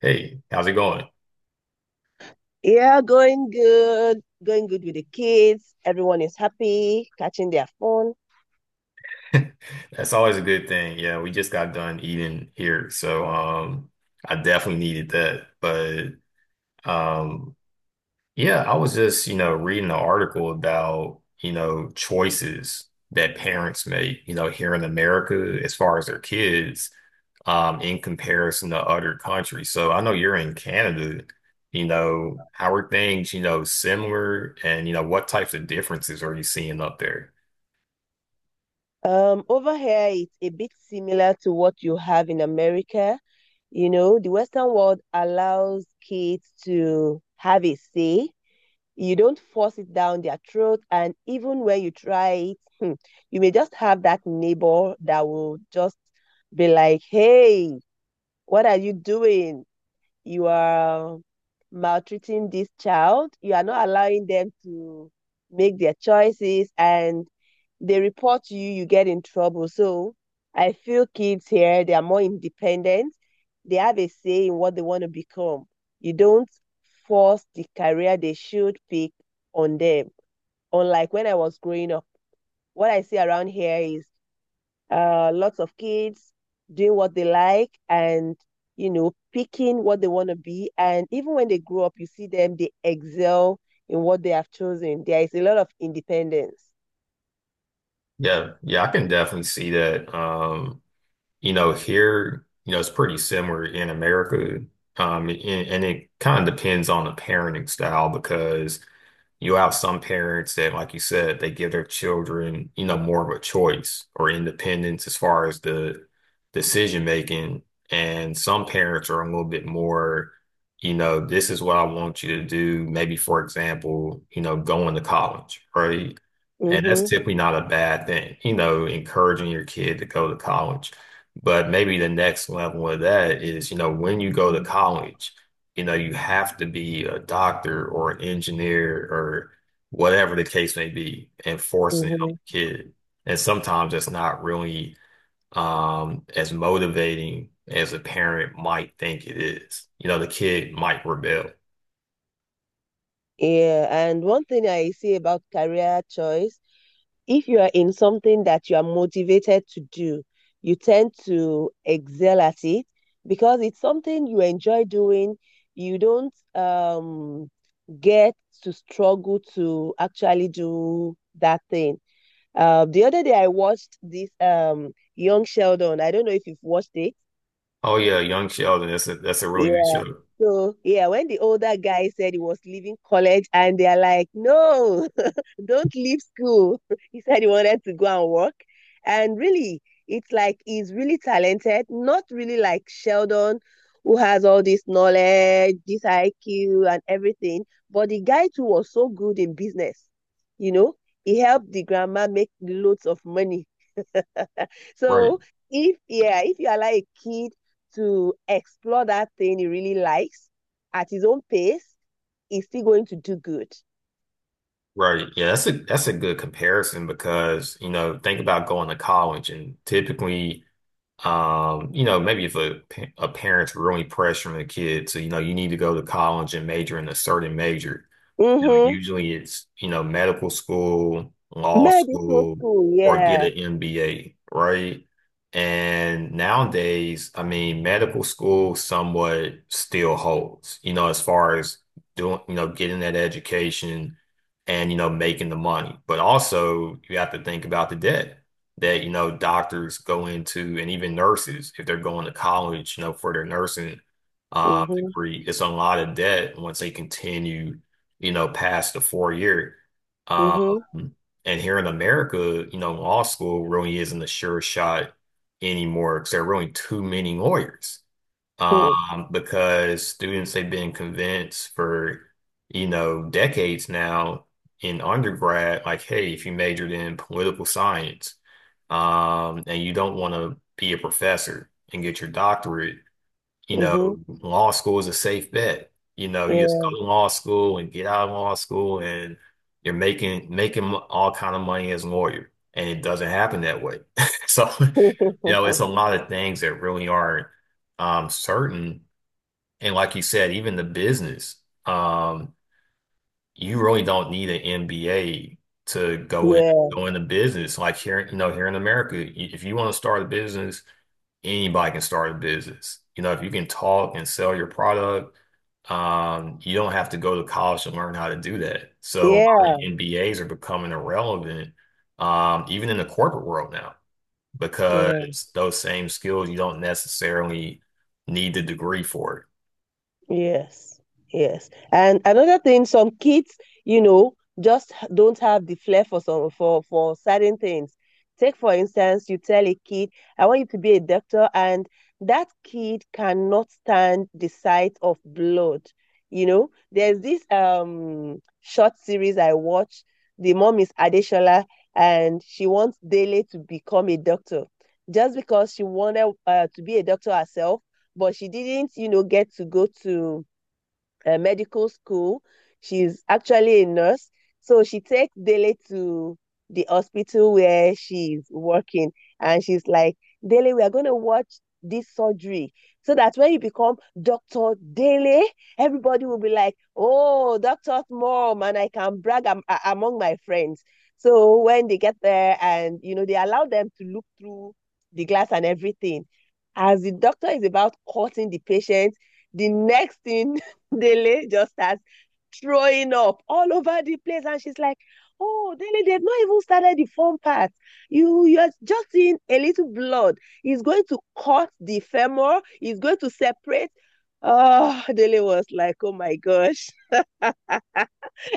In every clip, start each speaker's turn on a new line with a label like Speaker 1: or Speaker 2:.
Speaker 1: Hey, how's it going?
Speaker 2: Yeah, going good with the kids. Everyone is happy, catching their phone.
Speaker 1: That's always a good thing. Yeah, we just got done eating here, so I definitely needed that. But um yeah, I was just, reading an article about, you know, choices that parents make, you know, here in America as far as their kids in comparison to other countries. So I know you're in Canada, how are things, similar and what types of differences are you seeing up there?
Speaker 2: Over here, it's a bit similar to what you have in America. You know, the Western world allows kids to have a say. You don't force it down their throat, and even when you try it, you may just have that neighbor that will just be like, "Hey, what are you doing? You are maltreating this child. You are not allowing them to make their choices, and they report you, you get in trouble." So I feel kids here, they are more independent. They have a say in what they want to become. You don't force the career they should pick on them. Unlike when I was growing up, what I see around here is lots of kids doing what they like and, you know, picking what they want to be. And even when they grow up, you see them, they excel in what they have chosen. There is a lot of independence.
Speaker 1: Yeah, yeah, I can definitely see that. Here, it's pretty similar in America. And it kind of depends on the parenting style because you have some parents that, like you said, they give their children, you know, more of a choice or independence as far as the decision making. And some parents are a little bit more, you know, this is what I want you to do. Maybe, for example, you know, going to college, right? And that's
Speaker 2: Mm-hmm,
Speaker 1: typically not a bad thing, you know, encouraging your kid to go to college. But maybe the next level of that is, you know, when you go to college you know, you have to be a doctor or an engineer or whatever the case may be, and forcing it on
Speaker 2: mm-hmm.
Speaker 1: the kid. And sometimes it's not really as motivating as a parent might think it is. You know, the kid might rebel.
Speaker 2: Yeah, and one thing I see about career choice, if you are in something that you are motivated to do, you tend to excel at it because it's something you enjoy doing. You don't get to struggle to actually do that thing. The other day, I watched this Young Sheldon. I don't know if you've watched it.
Speaker 1: Oh yeah, Young Sheldon. That's a really
Speaker 2: He
Speaker 1: good show.
Speaker 2: So yeah, when the older guy said he was leaving college, and they're like, "No, don't leave school," he said he wanted to go and work, and really, it's like he's really talented, not really like Sheldon, who has all this knowledge, this IQ, and everything. But the guy too was so good in business, you know. He helped the grandma make loads of money.
Speaker 1: Right,
Speaker 2: So if, yeah, if you allow a kid to explore that thing he really likes at his own pace, he's still going to do good.
Speaker 1: right. Yeah, that's a good comparison because, you know, think about going to college and typically you know, maybe if a parent's really pressuring the kid to, you know, you need to go to college and major in a certain major, you know,
Speaker 2: Mm-hmm.
Speaker 1: usually it's, you know, medical school, law
Speaker 2: Medical
Speaker 1: school,
Speaker 2: school,
Speaker 1: or get
Speaker 2: yeah.
Speaker 1: an MBA, right? And nowadays, I mean, medical school somewhat still holds, you know, as far as doing, you know, getting that education and, you know, making the money. But also, you have to think about the debt that, you know, doctors go into and even nurses, if they're going to college, you know, for their nursing
Speaker 2: Mm-hmm.
Speaker 1: degree, it's a lot of debt once they continue you know, past the 4 year. Um,
Speaker 2: Mm-hmm.
Speaker 1: and here in America, you know, law school really isn't a sure shot anymore because there are really too many lawyers.
Speaker 2: Mm-hmm.
Speaker 1: Because students have been convinced for, you know, decades now in undergrad, like, hey, if you majored in political science, and you don't want to be a professor and get your doctorate, you know,
Speaker 2: Mm-hmm.
Speaker 1: law school is a safe bet. You know, you just
Speaker 2: Yeah.
Speaker 1: go to law school and get out of law school and you're making all kind of money as a lawyer. And it doesn't happen that way. So, you know, it's a lot of things that really aren't certain. And like you said, even the business, um, you really don't need an MBA to go in
Speaker 2: Yeah.
Speaker 1: go into business. Like here, you know, here in America, if you want to start a business anybody can start a business. You know, if you can talk and sell your product, you don't have to go to college to learn how to do that. So I think
Speaker 2: Yeah.
Speaker 1: MBAs are becoming irrelevant, even in the corporate world now,
Speaker 2: Yeah.
Speaker 1: because those same skills you don't necessarily need the degree for it.
Speaker 2: Yes, yes. And another thing, some kids, you know, just don't have the flair for some for certain things. Take for instance, you tell a kid, "I want you to be a doctor," and that kid cannot stand the sight of blood. You know, there's this short series I watch. The mom is Adeshola, and she wants Dele to become a doctor just because she wanted to be a doctor herself, but she didn't, you know, get to go to medical school. She's actually a nurse. So she takes Dele to the hospital where she's working. And she's like, "Dele, we are going to watch this surgery so that when you become Dr. Dele, everybody will be like, oh, doctor's mom, and I can brag among my friends." So when they get there, and, you know, they allow them to look through the glass and everything. As the doctor is about cutting the patient, the next thing, Dele just starts throwing up all over the place. And she's like, "Oh, Dele, they've not even started the fun part. You, you're just seeing a little blood. It's going to cut the femur, it's going to separate." Oh, Dele was like, "Oh my gosh."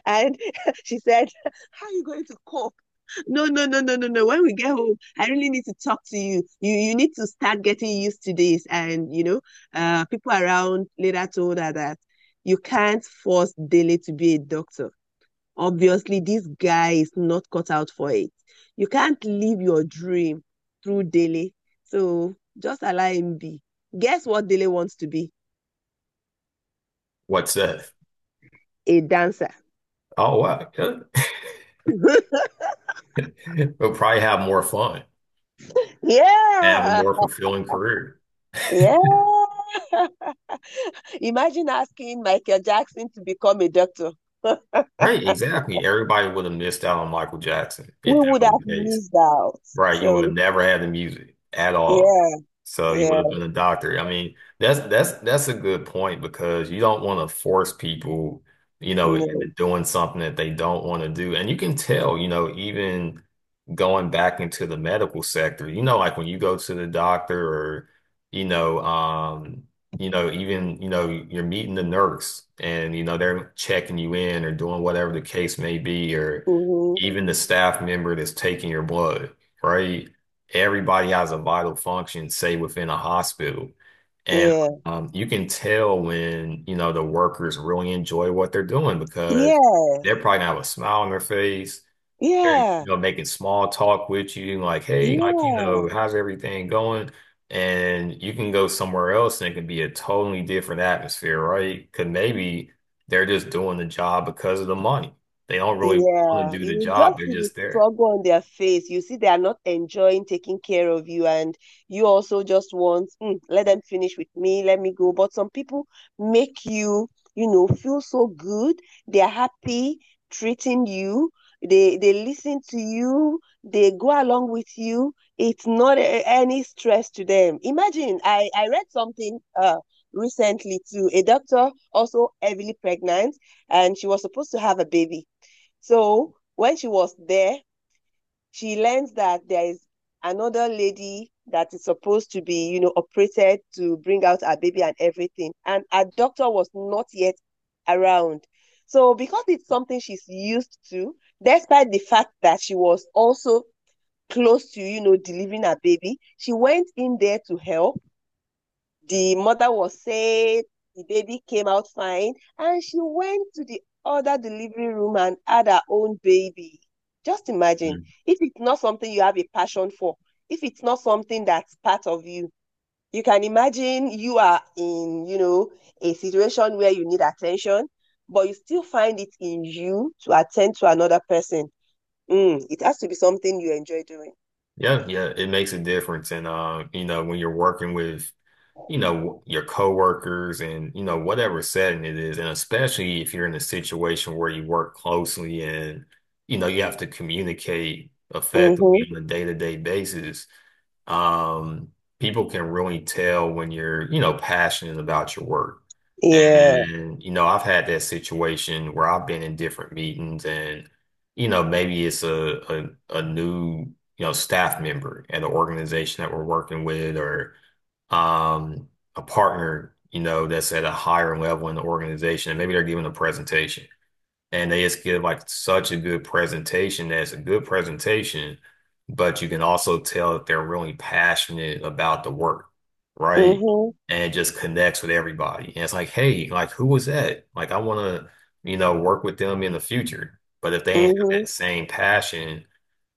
Speaker 2: And she said, "How are you going to cope? No, no, no, no, no, no. When we get home, I really need to talk to you. You need to start getting used to this." And you know, people around later told her that you can't force Dele to be a doctor. Obviously, this guy is not cut out for it. You can't live your dream through Dele. So just allow him be. Guess what Dele wants to be?
Speaker 1: What's that?
Speaker 2: A dancer.
Speaker 1: Oh, wow. Yeah. We'll probably have more fun and have a
Speaker 2: Yeah.
Speaker 1: more fulfilling career.
Speaker 2: Yeah. Imagine asking Michael Jackson to become a doctor.
Speaker 1: Right, exactly. Everybody would have missed out on Michael Jackson
Speaker 2: We
Speaker 1: if that
Speaker 2: would
Speaker 1: was the
Speaker 2: have
Speaker 1: case.
Speaker 2: missed out.
Speaker 1: Right, you would have
Speaker 2: So,
Speaker 1: never had the music at all.
Speaker 2: yeah,
Speaker 1: So you would
Speaker 2: yeah,
Speaker 1: have been a doctor. I mean, that's that's a good point because you don't want to force people, you know, into
Speaker 2: no.
Speaker 1: doing something that they don't want to do. And you can tell, you know, even going back into the medical sector, you know, like when you go to the doctor or, you know, um, you know, even, you know, you're meeting the nurse and, you know, they're checking you in or doing whatever the case may be, or
Speaker 2: Mm-hmm.
Speaker 1: even the staff member that's taking your blood right? Everybody has a vital function, say within a hospital. And
Speaker 2: Yeah,
Speaker 1: you can tell when, you know, the workers really enjoy what they're doing because they're
Speaker 2: yes,
Speaker 1: probably gonna have a smile on their face. They're, you
Speaker 2: yeah,
Speaker 1: know, making small talk with you, like, hey, like, you
Speaker 2: yeah.
Speaker 1: know, how's everything going? And you can go somewhere else and it can be a totally different atmosphere, right? Because maybe they're just doing the job because of the money. They don't really want to
Speaker 2: Yeah,
Speaker 1: do the
Speaker 2: you
Speaker 1: job,
Speaker 2: just
Speaker 1: they're
Speaker 2: see the
Speaker 1: just there.
Speaker 2: struggle on their face. You see they are not enjoying taking care of you, and you also just want, "Mm, let them finish with me, let me go." But some people make you, you know, feel so good. They are happy treating you. They listen to you. They go along with you. It's not any stress to them. Imagine, I read something recently too. A doctor also heavily pregnant, and she was supposed to have a baby, so when she was there, she learns that there is another lady that is supposed to be, you know, operated to bring out her baby and everything. And her doctor was not yet around. So because it's something she's used to, despite the fact that she was also close to, you know, delivering her baby, she went in there to help. The mother was safe, the baby came out fine, and she went to the other delivery room and had her own baby. Just imagine, if it's not something you have a passion for, if it's not something that's part of you, you can imagine you are in, you know, a situation where you need attention, but you still find it in you to attend to another person. Mm, it has to be something you enjoy doing.
Speaker 1: Yeah, yeah, it makes a difference. And you know, when you're working with you know, your coworkers and, you know, whatever setting it is. And especially if you're in a situation where you work closely and, you know, you have to communicate effectively
Speaker 2: Mm-hmm.
Speaker 1: on a day-to-day basis. Um, people can really tell when you're, you know, passionate about your work.
Speaker 2: Yeah.
Speaker 1: And, you know, I've had that situation where I've been in different meetings and, you know, maybe it's a new, you know, staff member at an organization that we're working with or, um, a partner, you know, that's at a higher level in the organization, and maybe they're giving a presentation and they just give like such a good presentation, but you can also tell that they're really passionate about the work, right?
Speaker 2: Mm-hmm.
Speaker 1: And it just connects with everybody. And it's like, hey, like who was that? Like I want to, you know, work with them in the future. But if they ain't have that
Speaker 2: Mm-hmm.
Speaker 1: same passion,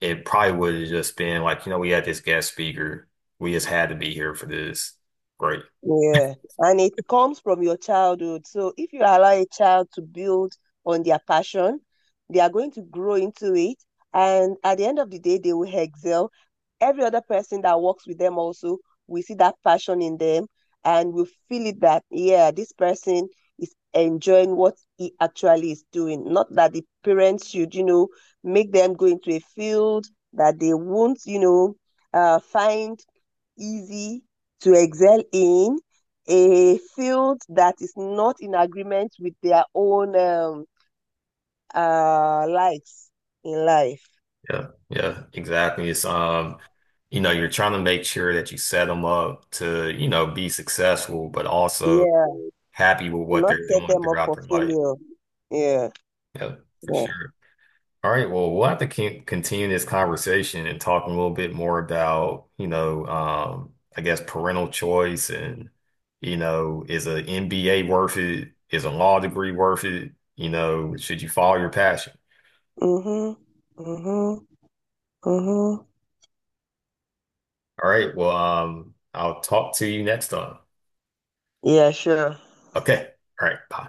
Speaker 1: it probably would have just been like, you know, we had this guest speaker. We just had to be here for this. Great.
Speaker 2: Yeah. And it comes from your childhood. So if you allow a child to build on their passion, they are going to grow into it. And at the end of the day, they will excel. Every other person that works with them also, we see that passion in them and we feel it that, yeah, this person is enjoying what he actually is doing. Not that the parents should, you know, make them go into a field that they won't, you know, find easy to excel in, a field that is not in agreement with their own likes in life.
Speaker 1: Yeah, yeah, exactly. It's you know, you're trying to make sure that you set them up to, you know, be successful, but also
Speaker 2: Yeah,
Speaker 1: happy with what
Speaker 2: not
Speaker 1: they're
Speaker 2: set
Speaker 1: doing
Speaker 2: them up
Speaker 1: throughout
Speaker 2: for
Speaker 1: their life.
Speaker 2: failure. Yeah,
Speaker 1: Yeah, for
Speaker 2: yeah.
Speaker 1: sure. All right, well, we'll have to keep continue this conversation and talk a little bit more about, you know, I guess parental choice and, you know, is an MBA worth it? Is a law degree worth it? You know, should you follow your passion?
Speaker 2: Mm-hmm. Mm-hmm. Mm-hmm.
Speaker 1: All right, well, I'll talk to you next time.
Speaker 2: Yeah, sure.
Speaker 1: Okay. All right. Bye.